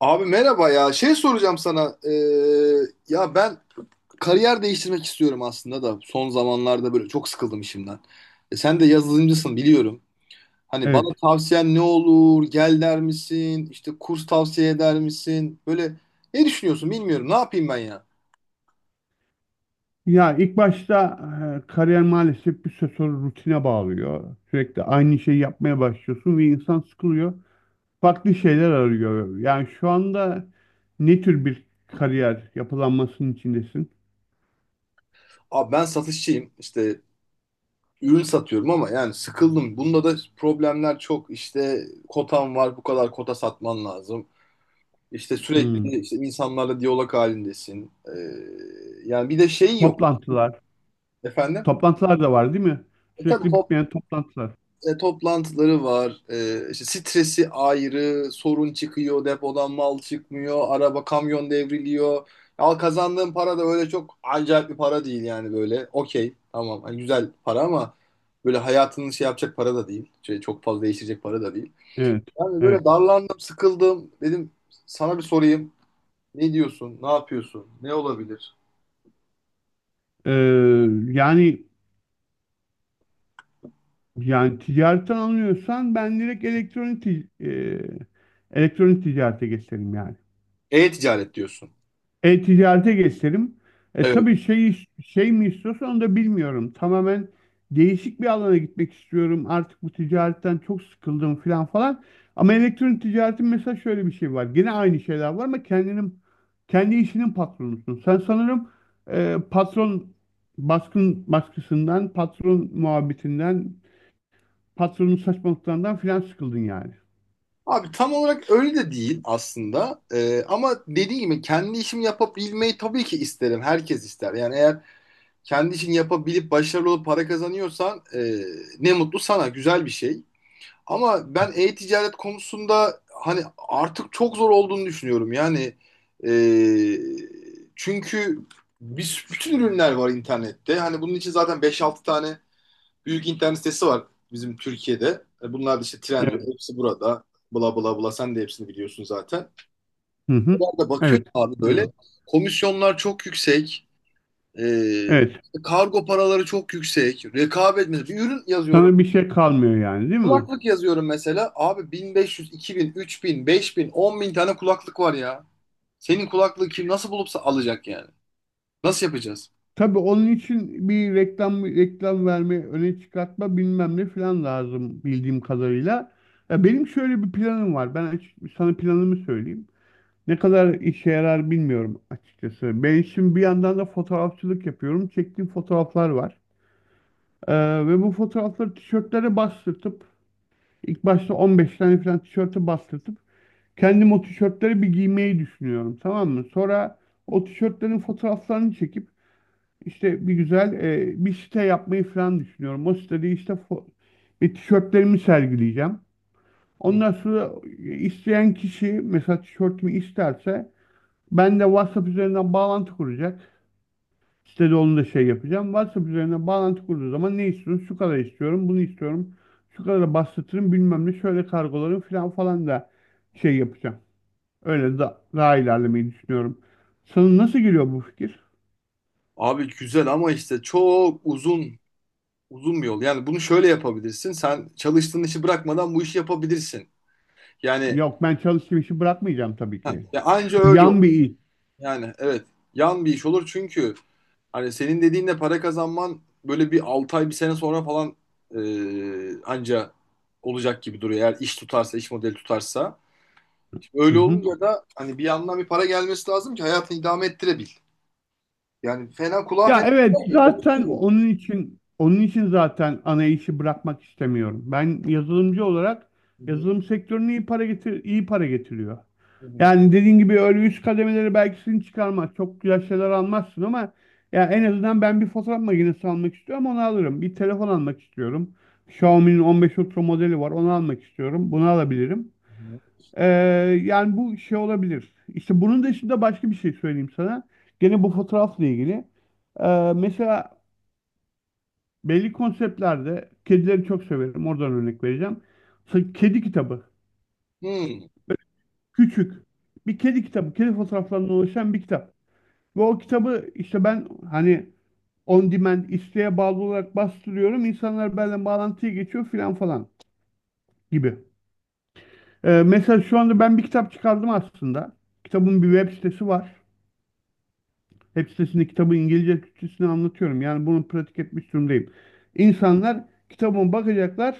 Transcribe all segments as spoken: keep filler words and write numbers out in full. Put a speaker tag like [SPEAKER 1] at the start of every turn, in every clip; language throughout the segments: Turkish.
[SPEAKER 1] Abi merhaba ya. Şey soracağım sana. Ee, ya ben kariyer değiştirmek istiyorum aslında da son zamanlarda böyle çok sıkıldım işimden. E, sen de yazılımcısın biliyorum. Hani bana
[SPEAKER 2] Evet.
[SPEAKER 1] tavsiyen ne olur? Gel der misin? İşte kurs tavsiye eder misin? Böyle ne düşünüyorsun bilmiyorum. Ne yapayım ben ya?
[SPEAKER 2] Ya ilk başta e, kariyer maalesef bir süre sonra rutine bağlıyor. Sürekli aynı şeyi yapmaya başlıyorsun ve insan sıkılıyor. Farklı şeyler arıyor. Yani şu anda ne tür bir kariyer yapılanmasının içindesin?
[SPEAKER 1] Abi ben satışçıyım. İşte ürün satıyorum ama yani sıkıldım. Bunda da problemler çok. İşte kotam var, bu kadar kota satman lazım. İşte
[SPEAKER 2] Hmm.
[SPEAKER 1] sürekli işte insanlarla diyalog halindesin. Ee, yani bir de şey yok
[SPEAKER 2] Toplantılar.
[SPEAKER 1] efendim.
[SPEAKER 2] Toplantılar da var değil mi?
[SPEAKER 1] E tabii
[SPEAKER 2] Sürekli
[SPEAKER 1] top-
[SPEAKER 2] bitmeyen toplantılar.
[SPEAKER 1] e, toplantıları var. Ee, işte stresi ayrı, sorun çıkıyor, depodan mal çıkmıyor, araba kamyon devriliyor. Al, kazandığın para da öyle çok acayip bir para değil yani böyle. Okey, tamam. Hani güzel para ama böyle hayatını şey yapacak para da değil. Şey, çok fazla değiştirecek para da değil.
[SPEAKER 2] Evet.
[SPEAKER 1] Yani böyle
[SPEAKER 2] Evet.
[SPEAKER 1] darlandım, sıkıldım. Dedim sana bir sorayım. Ne diyorsun? Ne yapıyorsun? Ne olabilir?
[SPEAKER 2] Ee, yani yani ticaretten anlıyorsan ben direkt elektronik ti- e, elektronik ticarete geçerim yani.
[SPEAKER 1] E-ticaret diyorsun.
[SPEAKER 2] E-ticarete geçelim. E,
[SPEAKER 1] Evet.
[SPEAKER 2] tabii şey, şey mi istiyorsun onu da bilmiyorum. Tamamen değişik bir alana gitmek istiyorum. Artık bu ticaretten çok sıkıldım falan falan. Ama elektronik ticaretin mesela şöyle bir şey var. Gene aynı şeyler var ama kendinin kendi işinin patronusun. Sen sanırım e, patron baskın baskısından, patron muhabbetinden, patronun saçmalıklarından filan sıkıldın yani.
[SPEAKER 1] Abi tam olarak öyle de değil aslında. Ee, ama dediğim gibi kendi işimi yapabilmeyi tabii ki isterim. Herkes ister. Yani eğer kendi işini yapabilip başarılı olup para kazanıyorsan e, ne mutlu sana. Güzel bir şey. Ama ben e-ticaret konusunda hani artık çok zor olduğunu düşünüyorum. Yani e, çünkü biz bütün ürünler var internette. Hani bunun için zaten beş altı tane büyük internet sitesi var bizim Türkiye'de. E, Bunlar da işte Trendyol,
[SPEAKER 2] Evet.
[SPEAKER 1] hepsi burada. Bla bla bla, sen de hepsini biliyorsun zaten.
[SPEAKER 2] Hı hı.
[SPEAKER 1] Oralarda
[SPEAKER 2] Evet.
[SPEAKER 1] bakıyorsun abi, böyle
[SPEAKER 2] Biliyorum.
[SPEAKER 1] komisyonlar çok yüksek. E,
[SPEAKER 2] Evet.
[SPEAKER 1] işte kargo paraları çok yüksek. Rekabet, mesela bir ürün yazıyorum.
[SPEAKER 2] Sana bir şey kalmıyor yani değil mi?
[SPEAKER 1] Kulaklık yazıyorum mesela. Abi bin beş yüz, iki bin, üç bin, beş bin, on bin tane kulaklık var ya. Senin kulaklığı kim nasıl bulupsa alacak yani. Nasıl yapacağız?
[SPEAKER 2] Tabii onun için bir reklam reklam verme, öne çıkartma bilmem ne falan lazım bildiğim kadarıyla. Ya benim şöyle bir planım var. Ben açık, sana planımı söyleyeyim. Ne kadar işe yarar bilmiyorum açıkçası. Ben şimdi bir yandan da fotoğrafçılık yapıyorum. Çektiğim fotoğraflar var. Ee, ve bu fotoğrafları tişörtlere bastırtıp ilk başta on beş tane falan tişörte bastırtıp kendim o tişörtleri bir giymeyi düşünüyorum. Tamam mı? Sonra o tişörtlerin fotoğraflarını çekip işte bir güzel e, bir site yapmayı falan düşünüyorum. O sitede işte fo- ve tişörtlerimi sergileyeceğim.
[SPEAKER 1] Hı.
[SPEAKER 2] Ondan sonra isteyen kişi mesela tişörtümü isterse ben de WhatsApp üzerinden bağlantı kuracak. Sitede onu da şey yapacağım. WhatsApp üzerinden bağlantı kurduğu zaman ne istiyorsun? Şu kadar istiyorum, bunu istiyorum. Şu kadar bastırırım bilmem ne şöyle kargolarım falan falan da şey yapacağım. Öyle da, daha ilerlemeyi düşünüyorum. Sana nasıl geliyor bu fikir?
[SPEAKER 1] Abi güzel ama işte çok uzun Uzun bir yol. Yani bunu şöyle yapabilirsin. Sen çalıştığın işi bırakmadan bu işi yapabilirsin. Yani
[SPEAKER 2] Yok ben çalıştığım işi bırakmayacağım tabii ki.
[SPEAKER 1] ya anca öyle olur.
[SPEAKER 2] Uyan bir il.
[SPEAKER 1] Yani evet. Yan bir iş olur çünkü hani senin dediğinle para kazanman böyle bir altı ay bir sene sonra falan e, anca olacak gibi duruyor. Eğer iş tutarsa, iş modeli tutarsa. Şimdi
[SPEAKER 2] Hı
[SPEAKER 1] öyle
[SPEAKER 2] hı.
[SPEAKER 1] olunca da hani bir yandan bir para gelmesi lazım ki hayatını idame ettirebil. Yani fena kulağa
[SPEAKER 2] Ya
[SPEAKER 1] fena
[SPEAKER 2] evet
[SPEAKER 1] gelmiyor. Onu
[SPEAKER 2] zaten
[SPEAKER 1] söylüyorum.
[SPEAKER 2] onun için onun için zaten ana işi bırakmak istemiyorum. Ben yazılımcı olarak
[SPEAKER 1] Hı hı,
[SPEAKER 2] yazılım sektörüne iyi para getir iyi para getiriyor.
[SPEAKER 1] hı hı,
[SPEAKER 2] Yani dediğin gibi öyle üst kademeleri belki seni çıkarmaz. Çok güzel şeyler almazsın ama ya en azından ben bir fotoğraf makinesi almak istiyorum onu alırım. Bir telefon almak istiyorum. Xiaomi'nin on beş Ultra modeli var onu almak istiyorum. Bunu alabilirim.
[SPEAKER 1] hı hı.
[SPEAKER 2] Ee, yani bu şey olabilir. İşte bunun dışında başka bir şey söyleyeyim sana. Gene bu fotoğrafla ilgili. Ee, mesela belli konseptlerde kedileri çok severim. Oradan örnek vereceğim. Sa- Kedi kitabı.
[SPEAKER 1] Hmm.
[SPEAKER 2] Küçük. Bir kedi kitabı. Kedi fotoğraflarından oluşan bir kitap. Ve o kitabı işte ben hani on demand isteğe bağlı olarak bastırıyorum. İnsanlar benimle bağlantıya geçiyor filan falan gibi. Ee, mesela şu anda ben bir kitap çıkardım aslında. Kitabın bir web sitesi var. Web sitesinde kitabı İngilizce Türkçesine anlatıyorum. Yani bunu pratik etmiş durumdayım. İnsanlar kitabıma bakacaklar.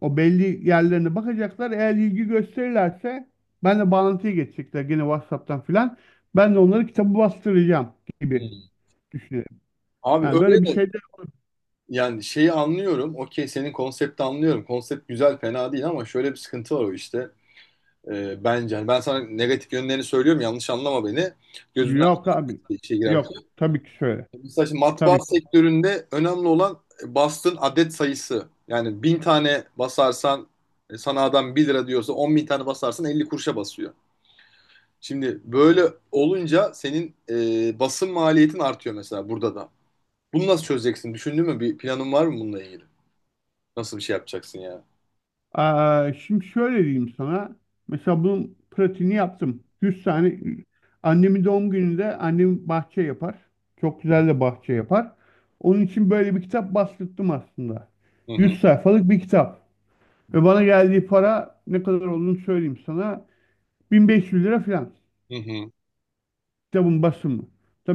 [SPEAKER 2] O belli yerlerine bakacaklar. Eğer ilgi gösterirlerse ben de bağlantıya geçecekler gene WhatsApp'tan filan. Ben de onları kitabı bastıracağım gibi
[SPEAKER 1] Hmm.
[SPEAKER 2] düşünüyorum.
[SPEAKER 1] Abi
[SPEAKER 2] Yani böyle bir
[SPEAKER 1] öyle.
[SPEAKER 2] şey de
[SPEAKER 1] Yani şeyi anlıyorum. Okey, senin konsepti anlıyorum. Konsept güzel, fena değil ama şöyle bir sıkıntı var o işte. Ee, bence. Hani ben sana negatif yönlerini söylüyorum. Yanlış anlama beni. Gözünden
[SPEAKER 2] yok abi.
[SPEAKER 1] işe
[SPEAKER 2] Yok.
[SPEAKER 1] girerken.
[SPEAKER 2] Tabii ki şöyle.
[SPEAKER 1] Mesela şimdi matbaa
[SPEAKER 2] Tabii.
[SPEAKER 1] sektöründe önemli olan bastığın adet sayısı. Yani bin tane basarsan e, sana adam bir lira diyorsa, on bin tane basarsan elli kuruşa basıyor. Şimdi böyle olunca senin e, basın maliyetin artıyor mesela burada da. Bunu nasıl çözeceksin? Düşündün mü? Bir planın var mı bununla ilgili? Nasıl bir şey yapacaksın ya?
[SPEAKER 2] Aa, şimdi şöyle diyeyim sana. Mesela bunun pratiğini yaptım. yüz tane annemin doğum gününde annem bahçe yapar. Çok güzel de bahçe yapar. Onun için böyle bir kitap bastırdım aslında.
[SPEAKER 1] Hı hı.
[SPEAKER 2] yüz sayfalık bir kitap. Ve bana geldiği para ne kadar olduğunu söyleyeyim sana. bin beş yüz lira falan.
[SPEAKER 1] Hı hı.
[SPEAKER 2] Kitabın basımı.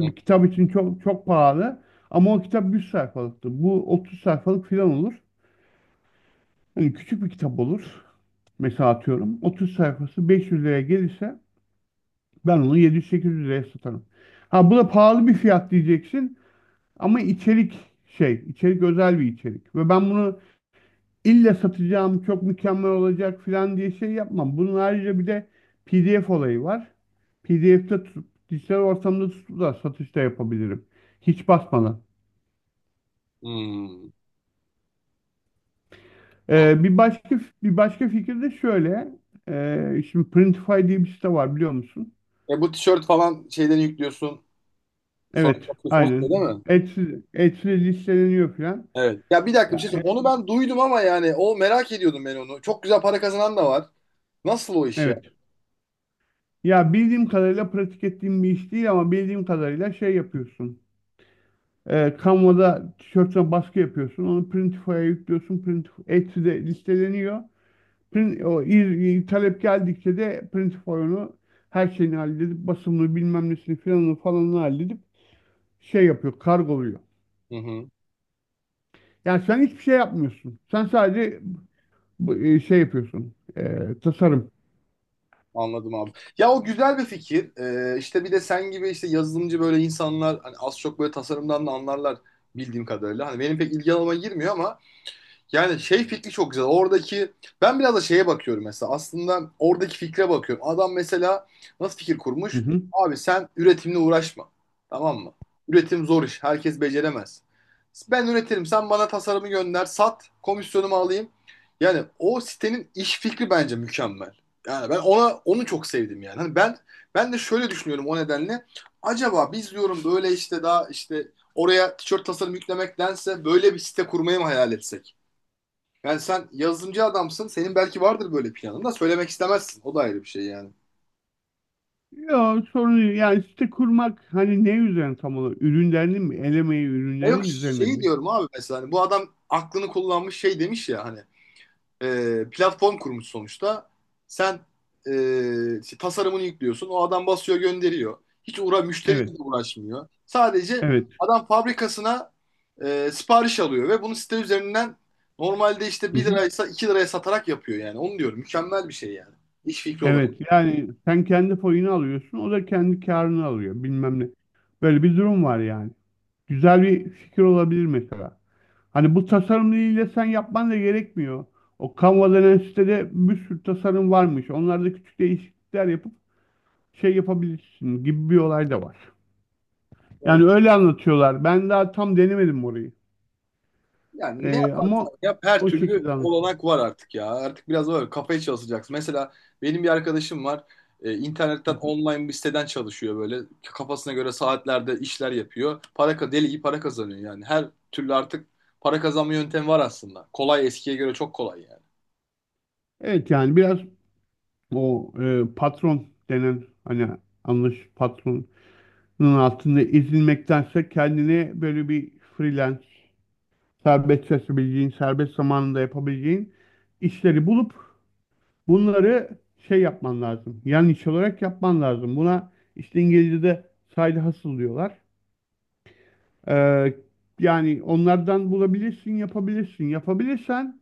[SPEAKER 1] Hı.
[SPEAKER 2] kitap için çok çok pahalı. Ama o kitap yüz sayfalıktı. Bu otuz sayfalık falan olur. Hani küçük bir kitap olur. Mesela atıyorum otuz sayfası beş yüz liraya gelirse ben onu yedi yüz sekiz yüz liraya satarım. Ha bu da pahalı bir fiyat diyeceksin ama içerik şey, içerik özel bir içerik. Ve ben bunu illa satacağım, çok mükemmel olacak falan diye şey yapmam. Bunun ayrıca bir de P D F olayı var. P D F'de tutup, dijital ortamda tutup da satışta yapabilirim. Hiç basmadan.
[SPEAKER 1] Hmm. O-
[SPEAKER 2] Ee, bir başka bir başka fikir de şöyle. Ee, şimdi Printify diye bir site var biliyor musun?
[SPEAKER 1] E bu tişört falan şeyleri yüklüyorsun. Sonra
[SPEAKER 2] Evet,
[SPEAKER 1] satıyorsun. O şey değil
[SPEAKER 2] aynen.
[SPEAKER 1] mi?
[SPEAKER 2] Etsiz, etsiz listeleniyor falan.
[SPEAKER 1] Evet. Ya, bir dakika bir
[SPEAKER 2] Ya,
[SPEAKER 1] şey söyleyeyim. Onu
[SPEAKER 2] e-
[SPEAKER 1] ben duydum ama yani o merak ediyordum ben onu. Çok güzel para kazanan da var. Nasıl o iş ya?
[SPEAKER 2] evet. Ya bildiğim kadarıyla pratik ettiğim bir iş değil ama bildiğim kadarıyla şey yapıyorsun. E, Canva'da tişörtüne baskı yapıyorsun. Onu Printify'a yüklüyorsun. Printif Etsy'de listeleniyor. Print, o, il- talep geldikçe de Printify onu her şeyini halledip basımını bilmem nesini filanını falanını halledip şey yapıyor. Kargoluyor.
[SPEAKER 1] Hı hı.
[SPEAKER 2] Yani sen hiçbir şey yapmıyorsun. Sen sadece bu- e, şey yapıyorsun. E, tasarım.
[SPEAKER 1] Anladım abi. Ya o güzel bir fikir. Ee, işte bir de sen gibi işte yazılımcı böyle insanlar hani az çok böyle tasarımdan da anlarlar bildiğim kadarıyla. Hani benim pek ilgi alanıma girmiyor ama. Yani şey fikri çok güzel. Oradaki ben biraz da şeye bakıyorum mesela. Aslında oradaki fikre bakıyorum. Adam mesela nasıl fikir kurmuş? Abi sen üretimle uğraşma. Tamam mı? Üretim zor iş. Herkes beceremez. Ben üretirim. Sen bana tasarımı gönder. Sat. Komisyonumu alayım. Yani o sitenin iş fikri bence mükemmel. Yani ben ona onu çok sevdim yani. Hani ben ben de şöyle düşünüyorum o nedenle. Acaba biz diyorum böyle işte daha işte oraya tişört tasarım yüklemektense böyle bir site kurmayı mı hayal etsek? Yani sen yazılımcı adamsın. Senin belki vardır böyle planın da söylemek istemezsin. O da ayrı bir şey yani.
[SPEAKER 2] Yok sorun değil. Yani site kurmak hani ne üzerine tam olarak? Ürünlerin mi? Elemeyi
[SPEAKER 1] Ya yok,
[SPEAKER 2] ürünlerin üzerine
[SPEAKER 1] şeyi
[SPEAKER 2] mi?
[SPEAKER 1] diyorum abi, mesela hani bu adam aklını kullanmış, şey demiş ya hani e, platform kurmuş sonuçta. Sen e, işte tasarımını yüklüyorsun. O adam basıyor, gönderiyor. Hiç uğra müşteriyle
[SPEAKER 2] Evet.
[SPEAKER 1] de uğraşmıyor. Sadece
[SPEAKER 2] Evet.
[SPEAKER 1] adam fabrikasına e, sipariş alıyor ve bunu site üzerinden normalde işte
[SPEAKER 2] Hı
[SPEAKER 1] bir
[SPEAKER 2] hı.
[SPEAKER 1] liraysa iki liraya satarak yapıyor yani. Onu diyorum. Mükemmel bir şey yani. İş fikri olarak.
[SPEAKER 2] Evet. Yani sen kendi payını alıyorsun. O da kendi karını alıyor. Bilmem ne. Böyle bir durum var yani. Güzel bir fikir olabilir mesela. Hani bu tasarımıyla sen yapman da gerekmiyor. O Canva denen sitede bir sürü tasarım varmış. Onlarda küçük değişiklikler yapıp şey yapabilirsin gibi bir olay da var.
[SPEAKER 1] Yani,
[SPEAKER 2] Yani öyle anlatıyorlar. Ben daha tam denemedim orayı.
[SPEAKER 1] yani ne
[SPEAKER 2] Ee, ama
[SPEAKER 1] Ya her
[SPEAKER 2] o
[SPEAKER 1] türlü
[SPEAKER 2] şekilde anlatıyor.
[SPEAKER 1] olanak var artık ya. Artık biraz da böyle kafaya çalışacaksın. Mesela benim bir arkadaşım var. E,
[SPEAKER 2] Hı
[SPEAKER 1] internetten
[SPEAKER 2] hı.
[SPEAKER 1] online bir siteden çalışıyor böyle. Kafasına göre saatlerde işler yapıyor. Para ka- deli gibi para kazanıyor yani. Her türlü artık para kazanma yöntemi var aslında. Kolay, eskiye göre çok kolay yani.
[SPEAKER 2] Evet yani biraz o e, patron denen hani anlaş patronun altında ezilmektense kendine böyle bir freelance serbest çalışabileceğin, serbest zamanında yapabileceğin işleri bulup bunları şey yapman lazım. Yan iş olarak yapman lazım. Buna işte İngilizce'de side hustle diyorlar. Ee, yani onlardan bulabilirsin, yapabilirsin. Yapabilirsen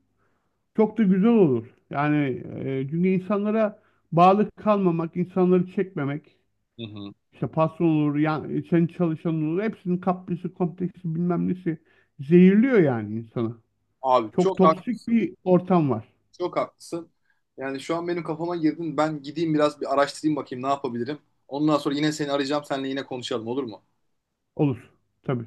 [SPEAKER 2] çok da güzel olur. Yani e, çünkü insanlara bağlı kalmamak, insanları çekmemek,
[SPEAKER 1] Hı hı.
[SPEAKER 2] işte patron olur, yani sen çalışan olur, hepsinin kaprisi, kompleksi bilmem nesi zehirliyor yani insanı.
[SPEAKER 1] Abi
[SPEAKER 2] Çok
[SPEAKER 1] çok
[SPEAKER 2] toksik
[SPEAKER 1] haklısın.
[SPEAKER 2] bir ortam var.
[SPEAKER 1] Çok haklısın. Yani şu an benim kafama girdin. Ben gideyim biraz bir araştırayım, bakayım ne yapabilirim. Ondan sonra yine seni arayacağım. Seninle yine konuşalım, olur mu?
[SPEAKER 2] Olur. Tabii.